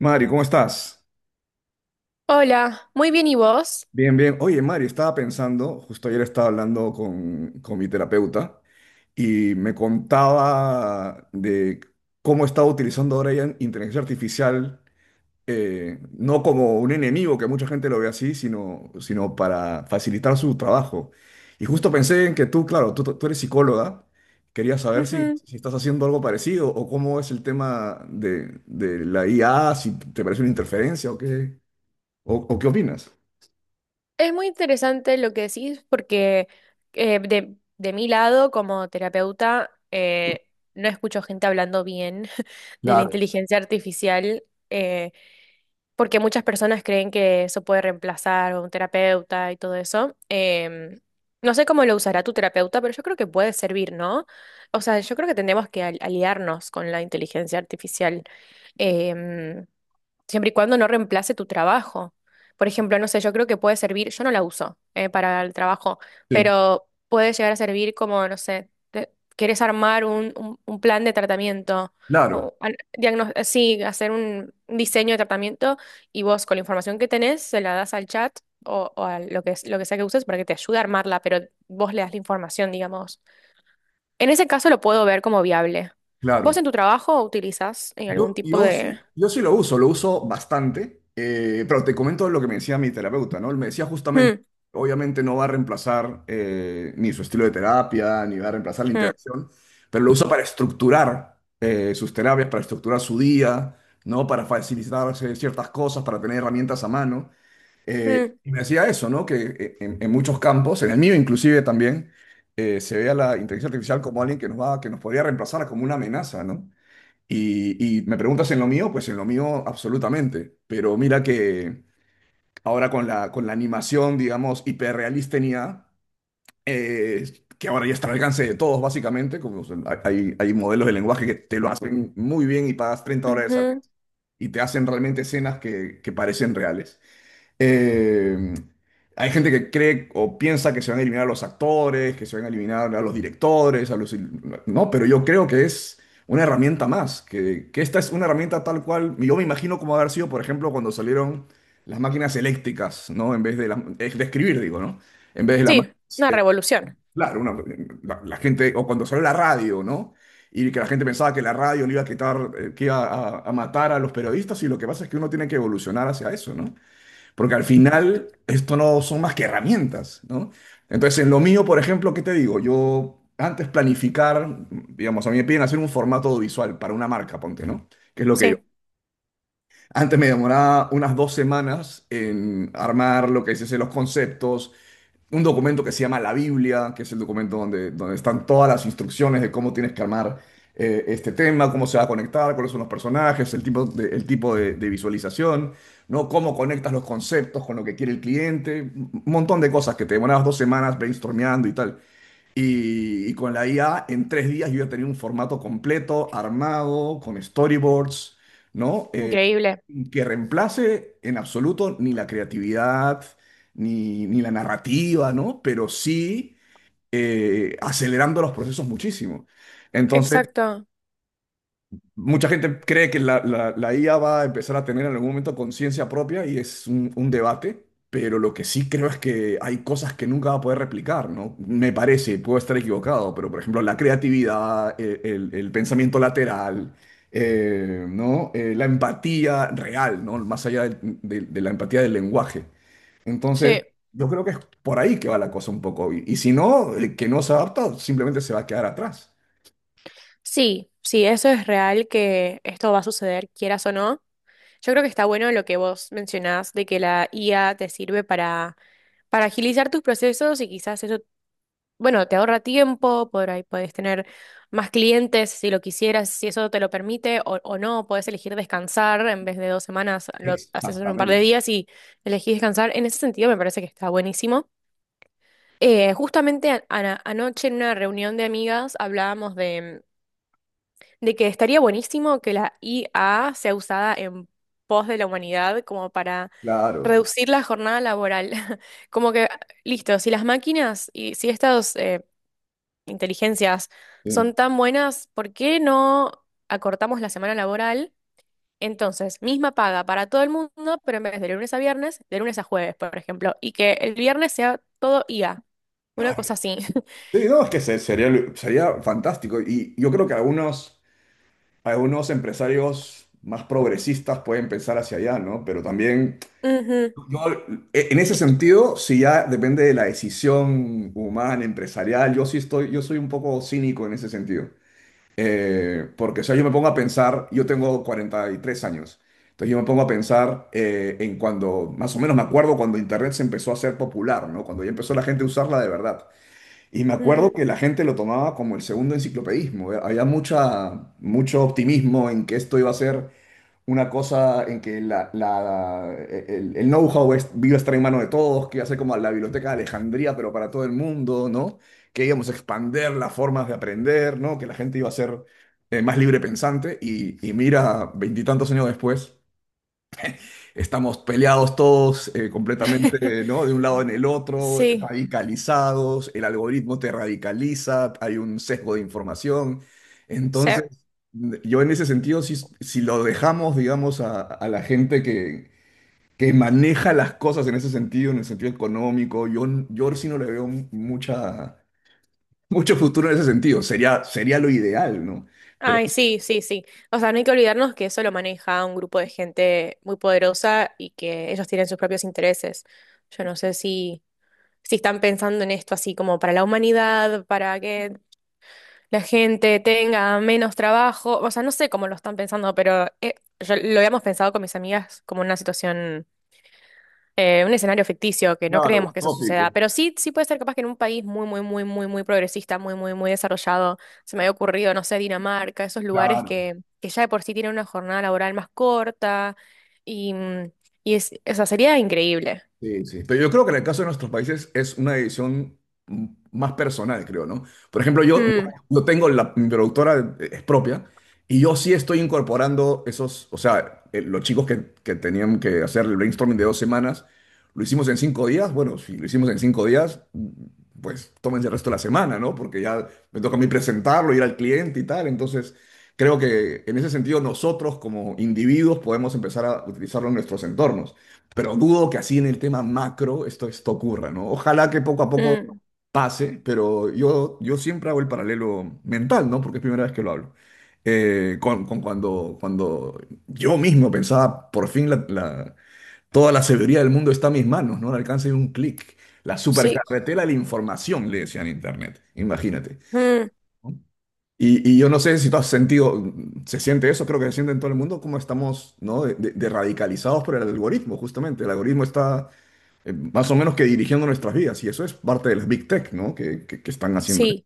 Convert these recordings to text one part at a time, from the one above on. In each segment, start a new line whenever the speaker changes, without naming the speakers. Mari, ¿cómo estás?
Hola, muy bien, ¿y vos?
Bien, bien. Oye, Mari, estaba pensando, justo ayer estaba hablando con mi terapeuta y me contaba de cómo estaba utilizando ahora ya inteligencia artificial, no como un enemigo, que mucha gente lo ve así, sino para facilitar su trabajo. Y justo pensé en que tú, claro, tú eres psicóloga, quería saber
Ujú.
si estás haciendo algo parecido o cómo es el tema de la IA, si te parece una interferencia o qué, o qué opinas.
Es muy interesante lo que decís porque de, mi lado, como terapeuta, no escucho gente hablando bien de la
Claro,
inteligencia artificial eh, porque muchas personas creen que eso puede reemplazar a un terapeuta y todo eso. No sé cómo lo usará tu terapeuta, pero yo creo que puede servir, ¿no? O sea, yo creo que tenemos que aliarnos con la inteligencia artificial. Em, siempre y cuando no reemplace tu trabajo. Por ejemplo, no sé, yo creo que puede servir, yo no la uso para el trabajo,
sí,
pero puede llegar a servir como, no sé, quieres armar un, un plan de tratamiento,
claro,
o sí, hacer un diseño de tratamiento y vos con la información que tenés se la das al chat o, a lo que, lo que sea que uses para que te ayude a armarla, pero vos le das la información, digamos. En ese caso lo puedo ver como viable. ¿Vos
claro.
en tu trabajo utilizás algún tipo de...
Yo sí lo uso bastante, pero te comento lo que me decía mi terapeuta, ¿no? Él me decía justamente,
Mm,
obviamente no va a reemplazar ni su estilo de terapia, ni va a reemplazar la
mm.
interacción, pero lo usa para estructurar sus terapias, para estructurar su día, ¿no? Para facilitarse ciertas cosas, para tener herramientas a mano.
Mm.
Y me decía eso, ¿no? Que en muchos campos, en el mío inclusive también, se ve a la inteligencia artificial como alguien que nos va, que nos podría reemplazar, como una amenaza, ¿no? Y me preguntas en lo mío, pues en lo mío absolutamente. Pero mira que ahora con la animación, digamos, hiperrealista en IA, eh, que ahora ya está al alcance de todos, básicamente, hay, hay modelos de lenguaje que te lo hacen muy bien y pagas 30 dólares al
Ujú.
mes y te hacen realmente escenas que parecen reales. Eh, hay gente que cree o piensa que se van a eliminar a los actores, que se van a eliminar a los directores, a los... No, pero yo creo que es una herramienta más, que esta es una herramienta tal cual, yo me imagino cómo haber sido, por ejemplo, cuando salieron las máquinas eléctricas, ¿no? En vez de las... es de escribir, digo, ¿no? En vez de la...
Sí, una
eh,
revolución.
claro, la gente, o cuando salió la radio, ¿no? Y que la gente pensaba que la radio le iba a quitar, que iba a matar a los periodistas, y lo que pasa es que uno tiene que evolucionar hacia eso, ¿no? Porque al final, esto no son más que herramientas, ¿no? Entonces, en lo mío, por ejemplo, ¿qué te digo? Yo antes planificar, digamos, a mí me piden hacer un formato visual para una marca, ponte, ¿no? Que es lo que yo.
Sí,
Antes me demoraba unas 2 semanas en armar lo que se dice los conceptos, un documento que se llama la Biblia, que es el documento donde están todas las instrucciones de cómo tienes que armar este tema, cómo se va a conectar, cuáles son los personajes, de visualización, ¿no? Cómo conectas los conceptos con lo que quiere el cliente, un montón de cosas que te demorabas 2 semanas brainstormeando y tal. Y con la IA, en 3 días yo ya tenía un formato completo, armado, con storyboards, ¿no? Eh,
increíble.
que reemplace en absoluto ni la creatividad, ni la narrativa, ¿no? Pero sí acelerando los procesos muchísimo. Entonces,
Exacto.
mucha gente cree que la IA va a empezar a tener en algún momento conciencia propia y es un debate, pero lo que sí creo es que hay cosas que nunca va a poder replicar, ¿no? Me parece, puedo estar equivocado, pero por ejemplo la creatividad, el pensamiento lateral, ¿no? La empatía real, ¿no? Más allá de la empatía del lenguaje. Entonces,
Sí.
yo creo que es por ahí que va la cosa un poco. Y si no, el que no se adapta simplemente se va a quedar atrás.
Sí, sí, eso es real que esto va a suceder, quieras o no. Yo creo que está bueno lo que vos mencionás de que la IA te sirve para, agilizar tus procesos y quizás eso, bueno, te ahorra tiempo, por ahí puedes tener más clientes si lo quisieras, si eso te lo permite o, no, puedes elegir descansar en vez de dos semanas, lo haces en un par de
Exactamente.
días y elegís descansar. En ese sentido me parece que está buenísimo. Justamente anoche en una reunión de amigas hablábamos de, que estaría buenísimo que la IA sea usada en pos de la humanidad como para
Claro.
reducir la jornada laboral. Como que, listo, si las máquinas y si estas inteligencias son
Sí.
tan buenas, ¿por qué no acortamos la semana laboral? Entonces, misma paga para todo el mundo, pero en vez de lunes a viernes, de lunes a jueves, por ejemplo, y que el viernes sea todo IA, una
Ay,
cosa así.
sí, no, sería, sería fantástico. Y yo creo que algunos, algunos empresarios más progresistas pueden pensar hacia allá, ¿no? Pero también,
Ujú.
yo, en ese sentido, si ya depende de la decisión humana, empresarial, yo soy un poco cínico en ese sentido. Porque, o sea, yo me pongo a pensar, yo tengo 43 años, entonces yo me pongo a pensar más o menos me acuerdo cuando Internet se empezó a ser popular, ¿no? Cuando ya empezó la gente a usarla de verdad. Y me acuerdo
Mm.
que la gente lo tomaba como el segundo enciclopedismo. Había mucho optimismo en que esto iba a ser una cosa en que el know-how iba a estar en manos de todos, que iba a ser como la biblioteca de Alejandría, pero para todo el mundo, ¿no? Que íbamos a expander las formas de aprender, ¿no? Que la gente iba a ser más libre pensante. Y mira, veintitantos años después. Estamos peleados todos completamente, ¿no? De un lado en el otro,
Sí,
radicalizados, el algoritmo te radicaliza, hay un sesgo de información.
sí.
Entonces, yo en ese sentido, si lo dejamos, digamos, a la gente que maneja las cosas en ese sentido, en el sentido económico, yo sí no le veo mucho futuro en ese sentido. Sería, sería lo ideal, ¿no? Pero
Ay,
sí,
sí, sí, sí. O sea, no hay que olvidarnos que eso lo maneja un grupo de gente muy poderosa y que ellos tienen sus propios intereses. Yo no sé si, si están pensando en esto así como para la humanidad, para que la gente tenga menos trabajo. O sea, no sé cómo lo están pensando, pero lo habíamos pensado con mis amigas como una situación un escenario ficticio, que no
claro,
creemos que eso suceda,
utópico.
pero sí, sí puede ser capaz que en un país muy, muy, muy, muy, muy progresista, muy, muy, muy desarrollado, se me había ocurrido, no sé, Dinamarca, esos lugares
Claro.
que, ya de por sí tienen una jornada laboral más corta y, mm, y es, o sea, sería increíble.
Sí, sí. Pero yo creo que en el caso de nuestros países es una decisión más personal, creo, ¿no? Por ejemplo,
Mm,
yo tengo la, mi productora es propia y yo sí estoy incorporando esos, o sea, los chicos que tenían que hacer el brainstorming de 2 semanas, lo hicimos en 5 días. Bueno, si lo hicimos en 5 días, pues tómense el resto de la semana, ¿no? Porque ya me toca a mí presentarlo, ir al cliente y tal. Entonces, creo que en ese sentido nosotros como individuos podemos empezar a utilizarlo en nuestros entornos. Pero dudo que así en el tema macro esto ocurra, ¿no? Ojalá que poco a poco
mm,
pase, pero yo siempre hago el paralelo mental, ¿no? Porque es primera vez que lo hablo. Con cuando, cuando yo mismo pensaba, por fin toda la sabiduría del mundo está en mis manos, ¿no? Al alcance de un clic. La
sí,
supercarretera de la información, le decían en Internet, imagínate.
mm,
¿No? Y yo no sé si tú has sentido, se siente eso, creo que se siente en todo el mundo, como estamos, ¿no? De radicalizados por el algoritmo, justamente. El algoritmo está más o menos que dirigiendo nuestras vidas, y eso es parte de las Big Tech, ¿no? Que están haciendo.
sí,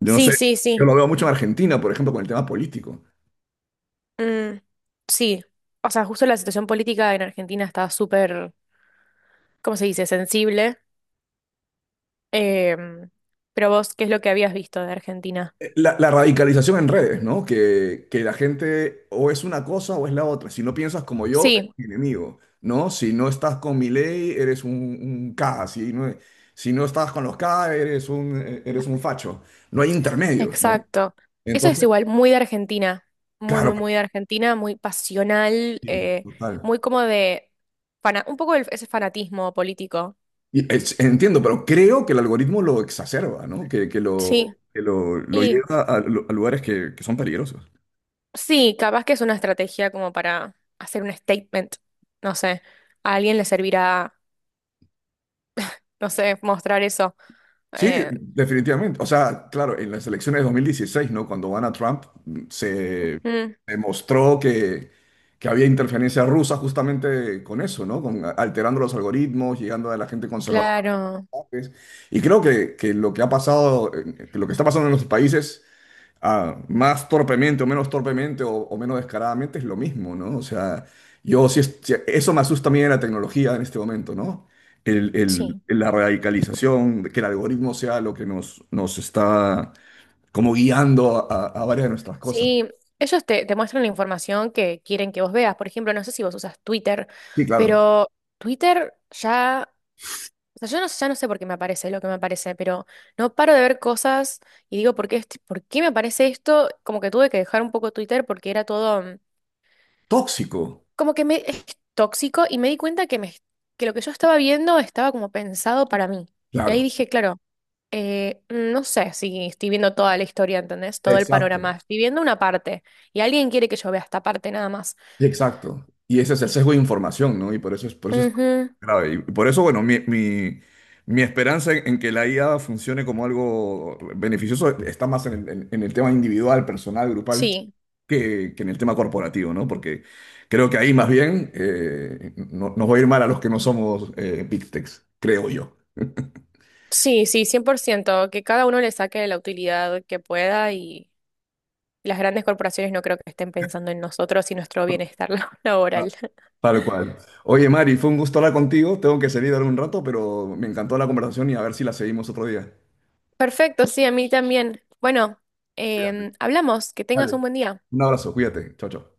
Yo no sé,
sí, sí,
yo
sí,
lo veo mucho en Argentina, por ejemplo, con el tema político.
mm, sí. O sea, justo la situación política en Argentina está súper, ¿cómo se dice?, sensible. Em, pero vos, ¿qué es lo que habías visto de Argentina?
La radicalización en redes, ¿no? Que la gente o es una cosa o es la otra. Si no piensas como yo, eres
Sí.
mi enemigo, ¿no? Si no estás con mi ley, eres un K. Si no, si no estás con los K, eres eres un facho. No hay intermedios, ¿no?
Exacto. Eso es
Entonces,
igual, muy de Argentina, muy,
claro,
muy, muy de Argentina, muy pasional,
sí, total.
muy como de un poco ese fanatismo político.
Entiendo, pero creo que el algoritmo lo exacerba, ¿no?
Sí,
Lo
y
lleva a lugares que son peligrosos.
sí, capaz que es una estrategia como para hacer un statement, no sé, a alguien le servirá, no sé, mostrar eso.
Sí,
Eh,
definitivamente. O sea, claro, en las elecciones de 2016, ¿no? Cuando gana Trump, se
mm,
demostró que había interferencia rusa justamente con eso, ¿no? Con, alterando los algoritmos, llegando a la gente conservadora.
claro,
¿Sabes? Y creo que lo que ha pasado, que lo que está pasando en los países ah, más torpemente o menos torpemente o menos descaradamente es lo mismo, ¿no? O sea, sí, eso me asusta a mí de la tecnología en este momento, ¿no?
sí.
La radicalización, que el algoritmo sea lo que nos está como guiando a varias de nuestras cosas.
Sí, ellos te, muestran la información que quieren que vos veas. Por ejemplo, no sé si vos usas Twitter,
Sí, claro.
pero Twitter ya... O sea, yo no, ya no sé por qué me aparece lo que me aparece, pero no paro de ver cosas y digo, ¿por qué, por qué me aparece esto? Como que tuve que dejar un poco Twitter porque era todo,
Tóxico,
como que es tóxico y me di cuenta que, que lo que yo estaba viendo estaba como pensado para mí. Y ahí
claro.
dije, claro, no sé si estoy viendo toda la historia, ¿entendés? Todo el
Exacto,
panorama. Estoy viendo una parte y alguien quiere que yo vea esta parte nada más.
sí, exacto. Y ese es el sesgo de información, ¿no? Y por eso es, por eso
Ujú,
grave. Y por eso, bueno, mi esperanza en que la IA funcione como algo beneficioso está más en en el tema individual, personal, grupal,
sí,
que en el tema corporativo, ¿no? Porque creo que ahí más bien nos va a ir mal a los que no somos Big Techs, creo yo.
sí, sí, 100% que cada uno le saque la utilidad que pueda. Las grandes corporaciones no creo que estén pensando en nosotros y nuestro bienestar
Ah,
laboral.
tal cual. Oye, Mari, fue un gusto hablar contigo. Tengo que salir ahora un rato, pero me encantó la conversación y a ver si la seguimos otro día.
Perfecto, sí, a mí también. Bueno,
Cuídate.
hablamos, que tengas
Vale.
un buen día.
Un abrazo, cuídate. Chao, chao.